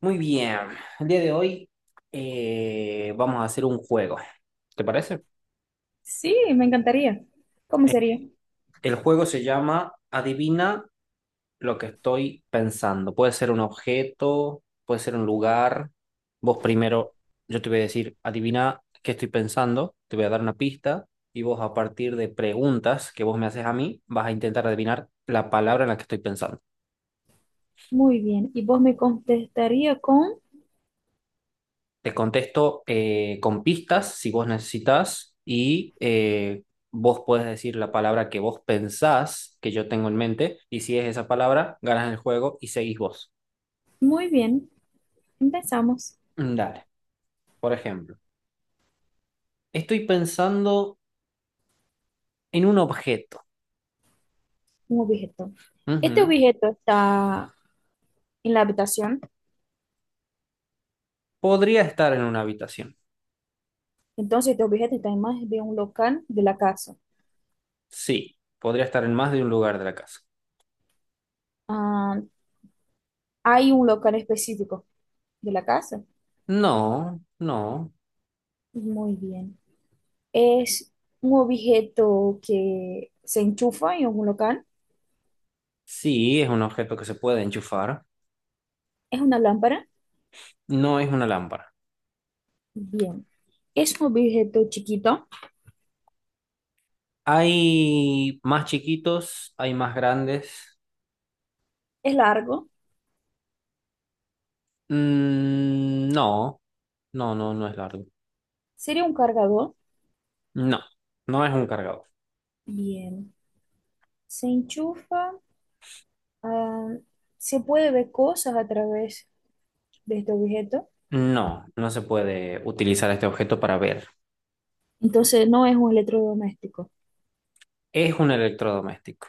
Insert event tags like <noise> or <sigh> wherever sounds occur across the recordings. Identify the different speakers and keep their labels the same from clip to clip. Speaker 1: Muy bien, el día de hoy vamos a hacer un juego, ¿te parece?
Speaker 2: Sí, me encantaría. ¿Cómo
Speaker 1: Eh,
Speaker 2: sería?
Speaker 1: el juego se llama Adivina lo que estoy pensando. Puede ser un objeto, puede ser un lugar. Vos primero, yo te voy a decir, adivina qué estoy pensando, te voy a dar una pista y vos a partir de preguntas que vos me haces a mí, vas a intentar adivinar la palabra en la que estoy pensando.
Speaker 2: Muy bien. Y vos me contestaría con,
Speaker 1: Te contesto con pistas si vos necesitas y vos puedes decir la palabra que vos pensás que yo tengo en mente y si es esa palabra, ganas el juego y seguís vos.
Speaker 2: muy bien, empezamos
Speaker 1: Dale, por ejemplo, estoy pensando en un objeto.
Speaker 2: un objeto. Este
Speaker 1: Ujú.
Speaker 2: objeto está en la habitación,
Speaker 1: Podría estar en una habitación.
Speaker 2: entonces este objeto está en más de un local de la casa.
Speaker 1: Sí, podría estar en más de un lugar de la casa.
Speaker 2: Ah, hay un local específico de la casa.
Speaker 1: No, no.
Speaker 2: Muy bien. Es un objeto que se enchufa en un local.
Speaker 1: Sí, es un objeto que se puede enchufar.
Speaker 2: Es una lámpara.
Speaker 1: No es una lámpara.
Speaker 2: Bien. Es un objeto chiquito.
Speaker 1: Hay más chiquitos, hay más grandes.
Speaker 2: Es largo.
Speaker 1: Mm, no, no es largo.
Speaker 2: Sería un cargador.
Speaker 1: No, no es un cargador.
Speaker 2: Bien. Se enchufa, ah, se puede ver cosas a través de este objeto.
Speaker 1: No, no se puede utilizar este objeto para ver.
Speaker 2: Entonces no es un electrodoméstico,
Speaker 1: Es un electrodoméstico.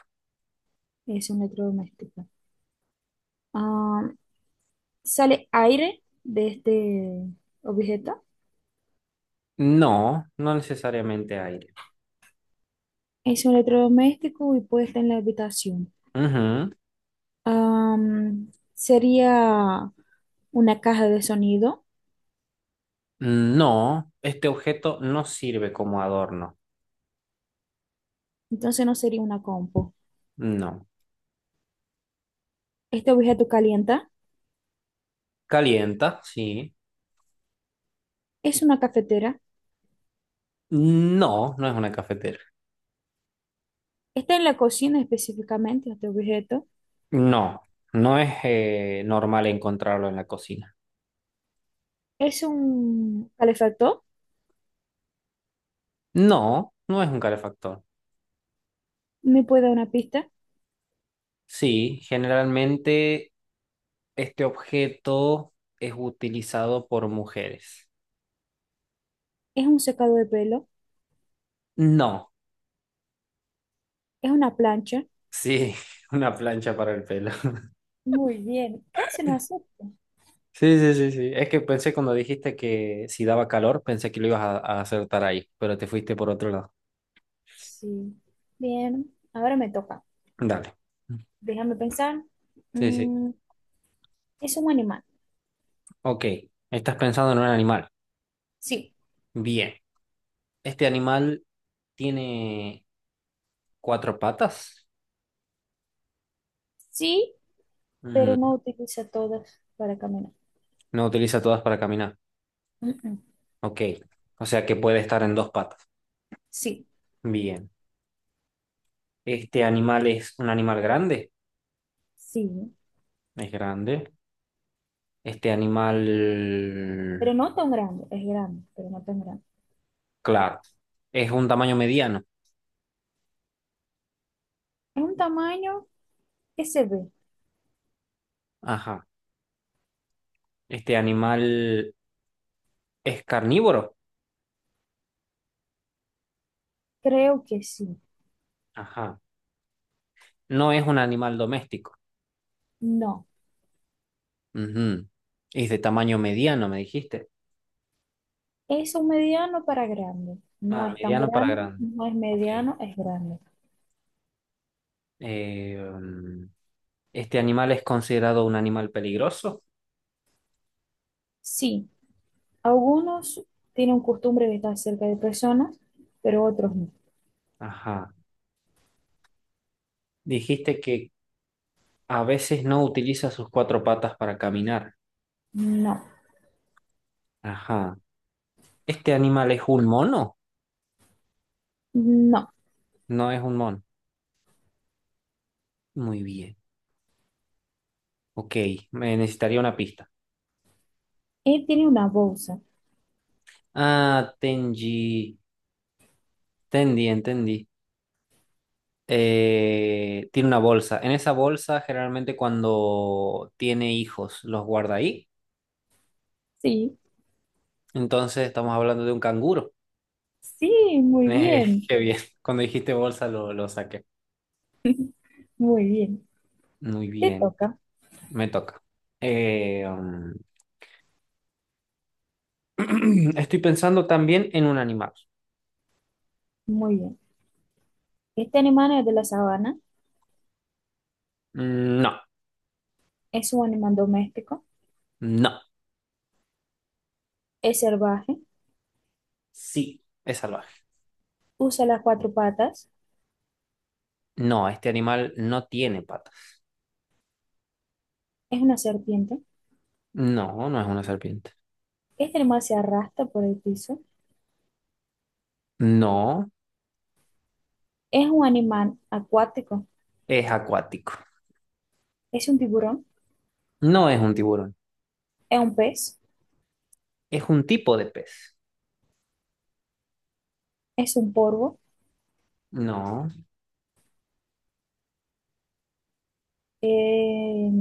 Speaker 2: es un electrodoméstico. Ah, sale aire de este objeto.
Speaker 1: No, no necesariamente aire.
Speaker 2: Es un electrodoméstico y puede estar en la habitación.
Speaker 1: Ujú.
Speaker 2: Sería una caja de sonido,
Speaker 1: No, este objeto no sirve como adorno.
Speaker 2: entonces no sería una compu.
Speaker 1: No.
Speaker 2: Este objeto calienta,
Speaker 1: Calienta, sí.
Speaker 2: es una cafetera,
Speaker 1: No, no es una cafetera.
Speaker 2: está en la cocina específicamente este objeto,
Speaker 1: No, no es normal encontrarlo en la cocina.
Speaker 2: es un calefactor.
Speaker 1: No, no es un calefactor.
Speaker 2: ¿Me puede dar una pista?
Speaker 1: Sí, generalmente este objeto es utilizado por mujeres.
Speaker 2: ¿Es un secado de pelo?
Speaker 1: No,
Speaker 2: ¿Es una plancha?
Speaker 1: sí, <laughs> una plancha para el pelo. <laughs>
Speaker 2: Muy bien, casi no acepto.
Speaker 1: Sí, sí, sí, sí. Es que pensé cuando dijiste que si daba calor, pensé que lo ibas a acertar ahí, pero te fuiste por otro lado.
Speaker 2: Sí. Bien, ahora me toca.
Speaker 1: Dale.
Speaker 2: Déjame pensar.
Speaker 1: Sí, sí.
Speaker 2: Mm, ¿es un animal?
Speaker 1: Ok, estás pensando en un animal.
Speaker 2: Sí,
Speaker 1: Bien. ¿Este animal tiene cuatro patas?
Speaker 2: sí, pero
Speaker 1: Mm,
Speaker 2: no utiliza todas para caminar.
Speaker 1: no utiliza todas para caminar.
Speaker 2: Mm, mm.
Speaker 1: Ok, o sea que puede estar en dos patas.
Speaker 2: Sí,
Speaker 1: Bien. ¿Este animal es un animal grande?
Speaker 2: sí,
Speaker 1: Es grande. Este animal,
Speaker 2: pero no tan grande. Es grande, pero no tan grande.
Speaker 1: claro, es un tamaño mediano.
Speaker 2: ¿Es un tamaño que se ve?
Speaker 1: Ajá. Este animal es carnívoro.
Speaker 2: Creo que sí.
Speaker 1: Ajá. No es un animal doméstico.
Speaker 2: No,
Speaker 1: Ujú. Es de tamaño mediano, me dijiste.
Speaker 2: es un mediano para grande. No
Speaker 1: Ah,
Speaker 2: es tan
Speaker 1: mediano para
Speaker 2: grande,
Speaker 1: grande.
Speaker 2: no es
Speaker 1: Ok.
Speaker 2: mediano, es grande.
Speaker 1: Eh, um, este animal es considerado un animal peligroso.
Speaker 2: Sí. Algunos tienen costumbre de estar cerca de personas, pero otros no.
Speaker 1: Ajá. Dijiste que a veces no utiliza sus cuatro patas para caminar.
Speaker 2: No,
Speaker 1: Ajá. Este animal es un mono.
Speaker 2: no.
Speaker 1: No es un mono. Muy bien. Ok, me necesitaría una pista.
Speaker 2: Él tiene una bolsa.
Speaker 1: Ah, Tenji. Entendí, entendí. Tiene una bolsa. En esa bolsa, generalmente cuando tiene hijos, los guarda ahí.
Speaker 2: Sí,
Speaker 1: Entonces, estamos hablando de un canguro.
Speaker 2: sí, muy
Speaker 1: Eh, <laughs>
Speaker 2: bien,
Speaker 1: qué bien. Cuando dijiste bolsa, lo saqué.
Speaker 2: muy bien.
Speaker 1: Muy
Speaker 2: Te
Speaker 1: bien.
Speaker 2: toca,
Speaker 1: Me toca. Eh, um, <clears throat> estoy pensando también en un animal.
Speaker 2: muy bien. Este animal es de la sabana,
Speaker 1: Mm, no,
Speaker 2: es un animal doméstico,
Speaker 1: no.
Speaker 2: es salvaje,
Speaker 1: Sí, es salvaje.
Speaker 2: usa las cuatro patas,
Speaker 1: No, este animal no tiene patas.
Speaker 2: es una serpiente.
Speaker 1: No, no es una serpiente.
Speaker 2: Este animal se arrastra por el piso,
Speaker 1: No,
Speaker 2: es un animal acuático,
Speaker 1: es acuático.
Speaker 2: es un tiburón,
Speaker 1: No es un tiburón.
Speaker 2: es un pez,
Speaker 1: Es un tipo de pez.
Speaker 2: es un polvo,
Speaker 1: No,
Speaker 2: eh,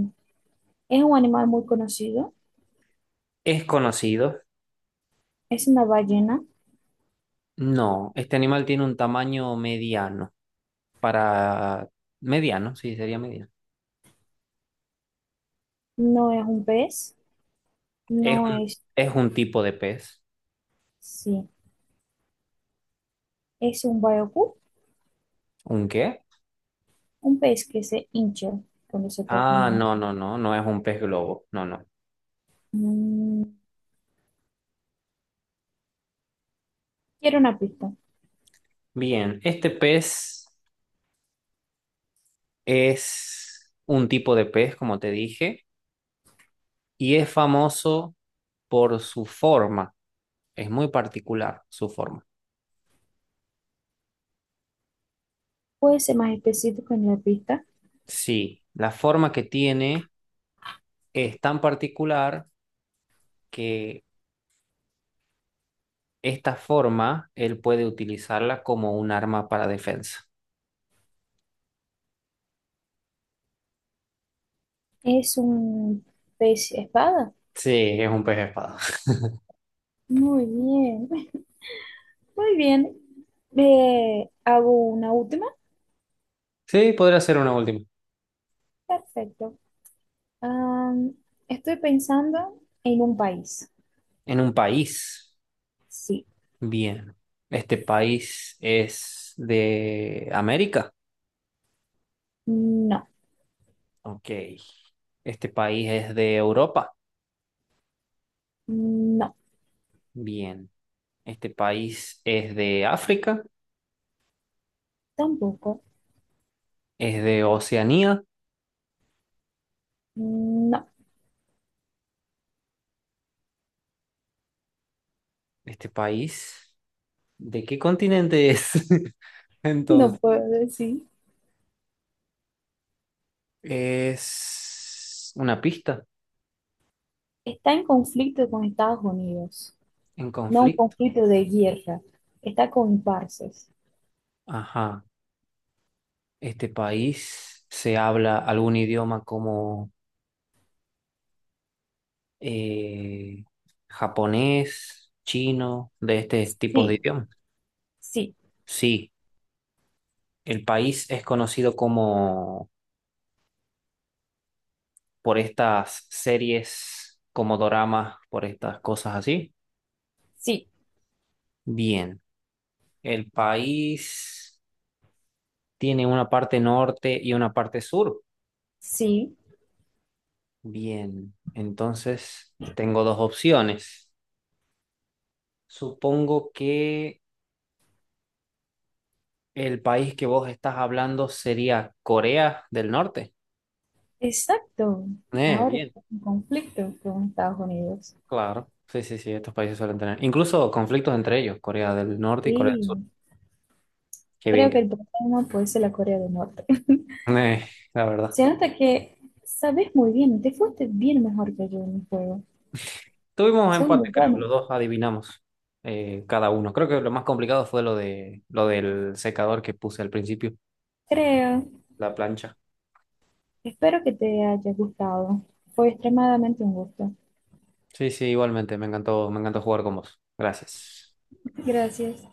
Speaker 2: es un animal muy conocido.
Speaker 1: es conocido.
Speaker 2: Es una ballena,
Speaker 1: No, este animal tiene un tamaño mediano. Para mediano, sí, sería mediano.
Speaker 2: no es un pez,
Speaker 1: Es
Speaker 2: no
Speaker 1: un,
Speaker 2: es,
Speaker 1: es un tipo de pez.
Speaker 2: sí, es un bayú,
Speaker 1: ¿Un qué?
Speaker 2: un pez que se hincha cuando se toca,
Speaker 1: Ah,
Speaker 2: ¿no?
Speaker 1: no, no, no, no es un pez globo. No, no.
Speaker 2: Mm, quiero una pista.
Speaker 1: Bien, este pez es un tipo de pez, como te dije, y es famoso por su forma. Es muy particular su forma.
Speaker 2: Puede ser más específico en la pista.
Speaker 1: Sí, la forma que tiene es tan particular que esta forma él puede utilizarla como un arma para defensa.
Speaker 2: Es un pez espada.
Speaker 1: Sí, es un pez espada. <laughs>
Speaker 2: Muy bien, <laughs> muy bien. Hago una última.
Speaker 1: Sí, podría ser una última.
Speaker 2: Perfecto. Am, estoy pensando en un país.
Speaker 1: En un país.
Speaker 2: Sí,
Speaker 1: Bien. Este país es de América.
Speaker 2: no,
Speaker 1: Ok. Este país es de Europa.
Speaker 2: no,
Speaker 1: Bien. Este país es de África.
Speaker 2: tampoco,
Speaker 1: Es de Oceanía.
Speaker 2: no.
Speaker 1: Este país ¿de qué continente es? <laughs>
Speaker 2: <laughs> No
Speaker 1: Entonces,
Speaker 2: puedo decir.
Speaker 1: es una pista
Speaker 2: Está en conflicto con Estados Unidos,
Speaker 1: en
Speaker 2: no un
Speaker 1: conflicto.
Speaker 2: conflicto de guerra. Está con parces.
Speaker 1: Ajá. Este país se habla algún idioma como eh, japonés, chino, de este tipo de
Speaker 2: Sí,
Speaker 1: idiomas.
Speaker 2: sí,
Speaker 1: Sí, el país es conocido como por estas series, como doramas, por estas cosas así.
Speaker 2: sí,
Speaker 1: Bien, el país tiene una parte norte y una parte sur.
Speaker 2: sí.
Speaker 1: Bien, entonces tengo dos opciones. Supongo que el país que vos estás hablando sería Corea del Norte.
Speaker 2: Exacto. Ahora
Speaker 1: Bien,
Speaker 2: está en conflicto con Estados Unidos.
Speaker 1: claro. Sí, sí, sí, estos países suelen tener incluso conflictos entre ellos, Corea del Norte y Corea del
Speaker 2: Y
Speaker 1: Sur. Qué bien.
Speaker 2: creo
Speaker 1: Que-
Speaker 2: que el próximo puede ser la Corea del Norte.
Speaker 1: Eh, la
Speaker 2: <laughs>
Speaker 1: verdad.
Speaker 2: Se nota que sabes muy bien, te fuiste bien mejor que yo en el juego.
Speaker 1: Tuvimos
Speaker 2: Son muy
Speaker 1: empate, creo,
Speaker 2: buenos.
Speaker 1: los dos adivinamos cada uno. Creo que lo más complicado fue lo del secador que puse al principio,
Speaker 2: Creo.
Speaker 1: la plancha.
Speaker 2: Espero que te haya gustado. Fue extremadamente un gusto.
Speaker 1: Sí, sí, igualmente, me encantó jugar con vos. Gracias.
Speaker 2: Gracias.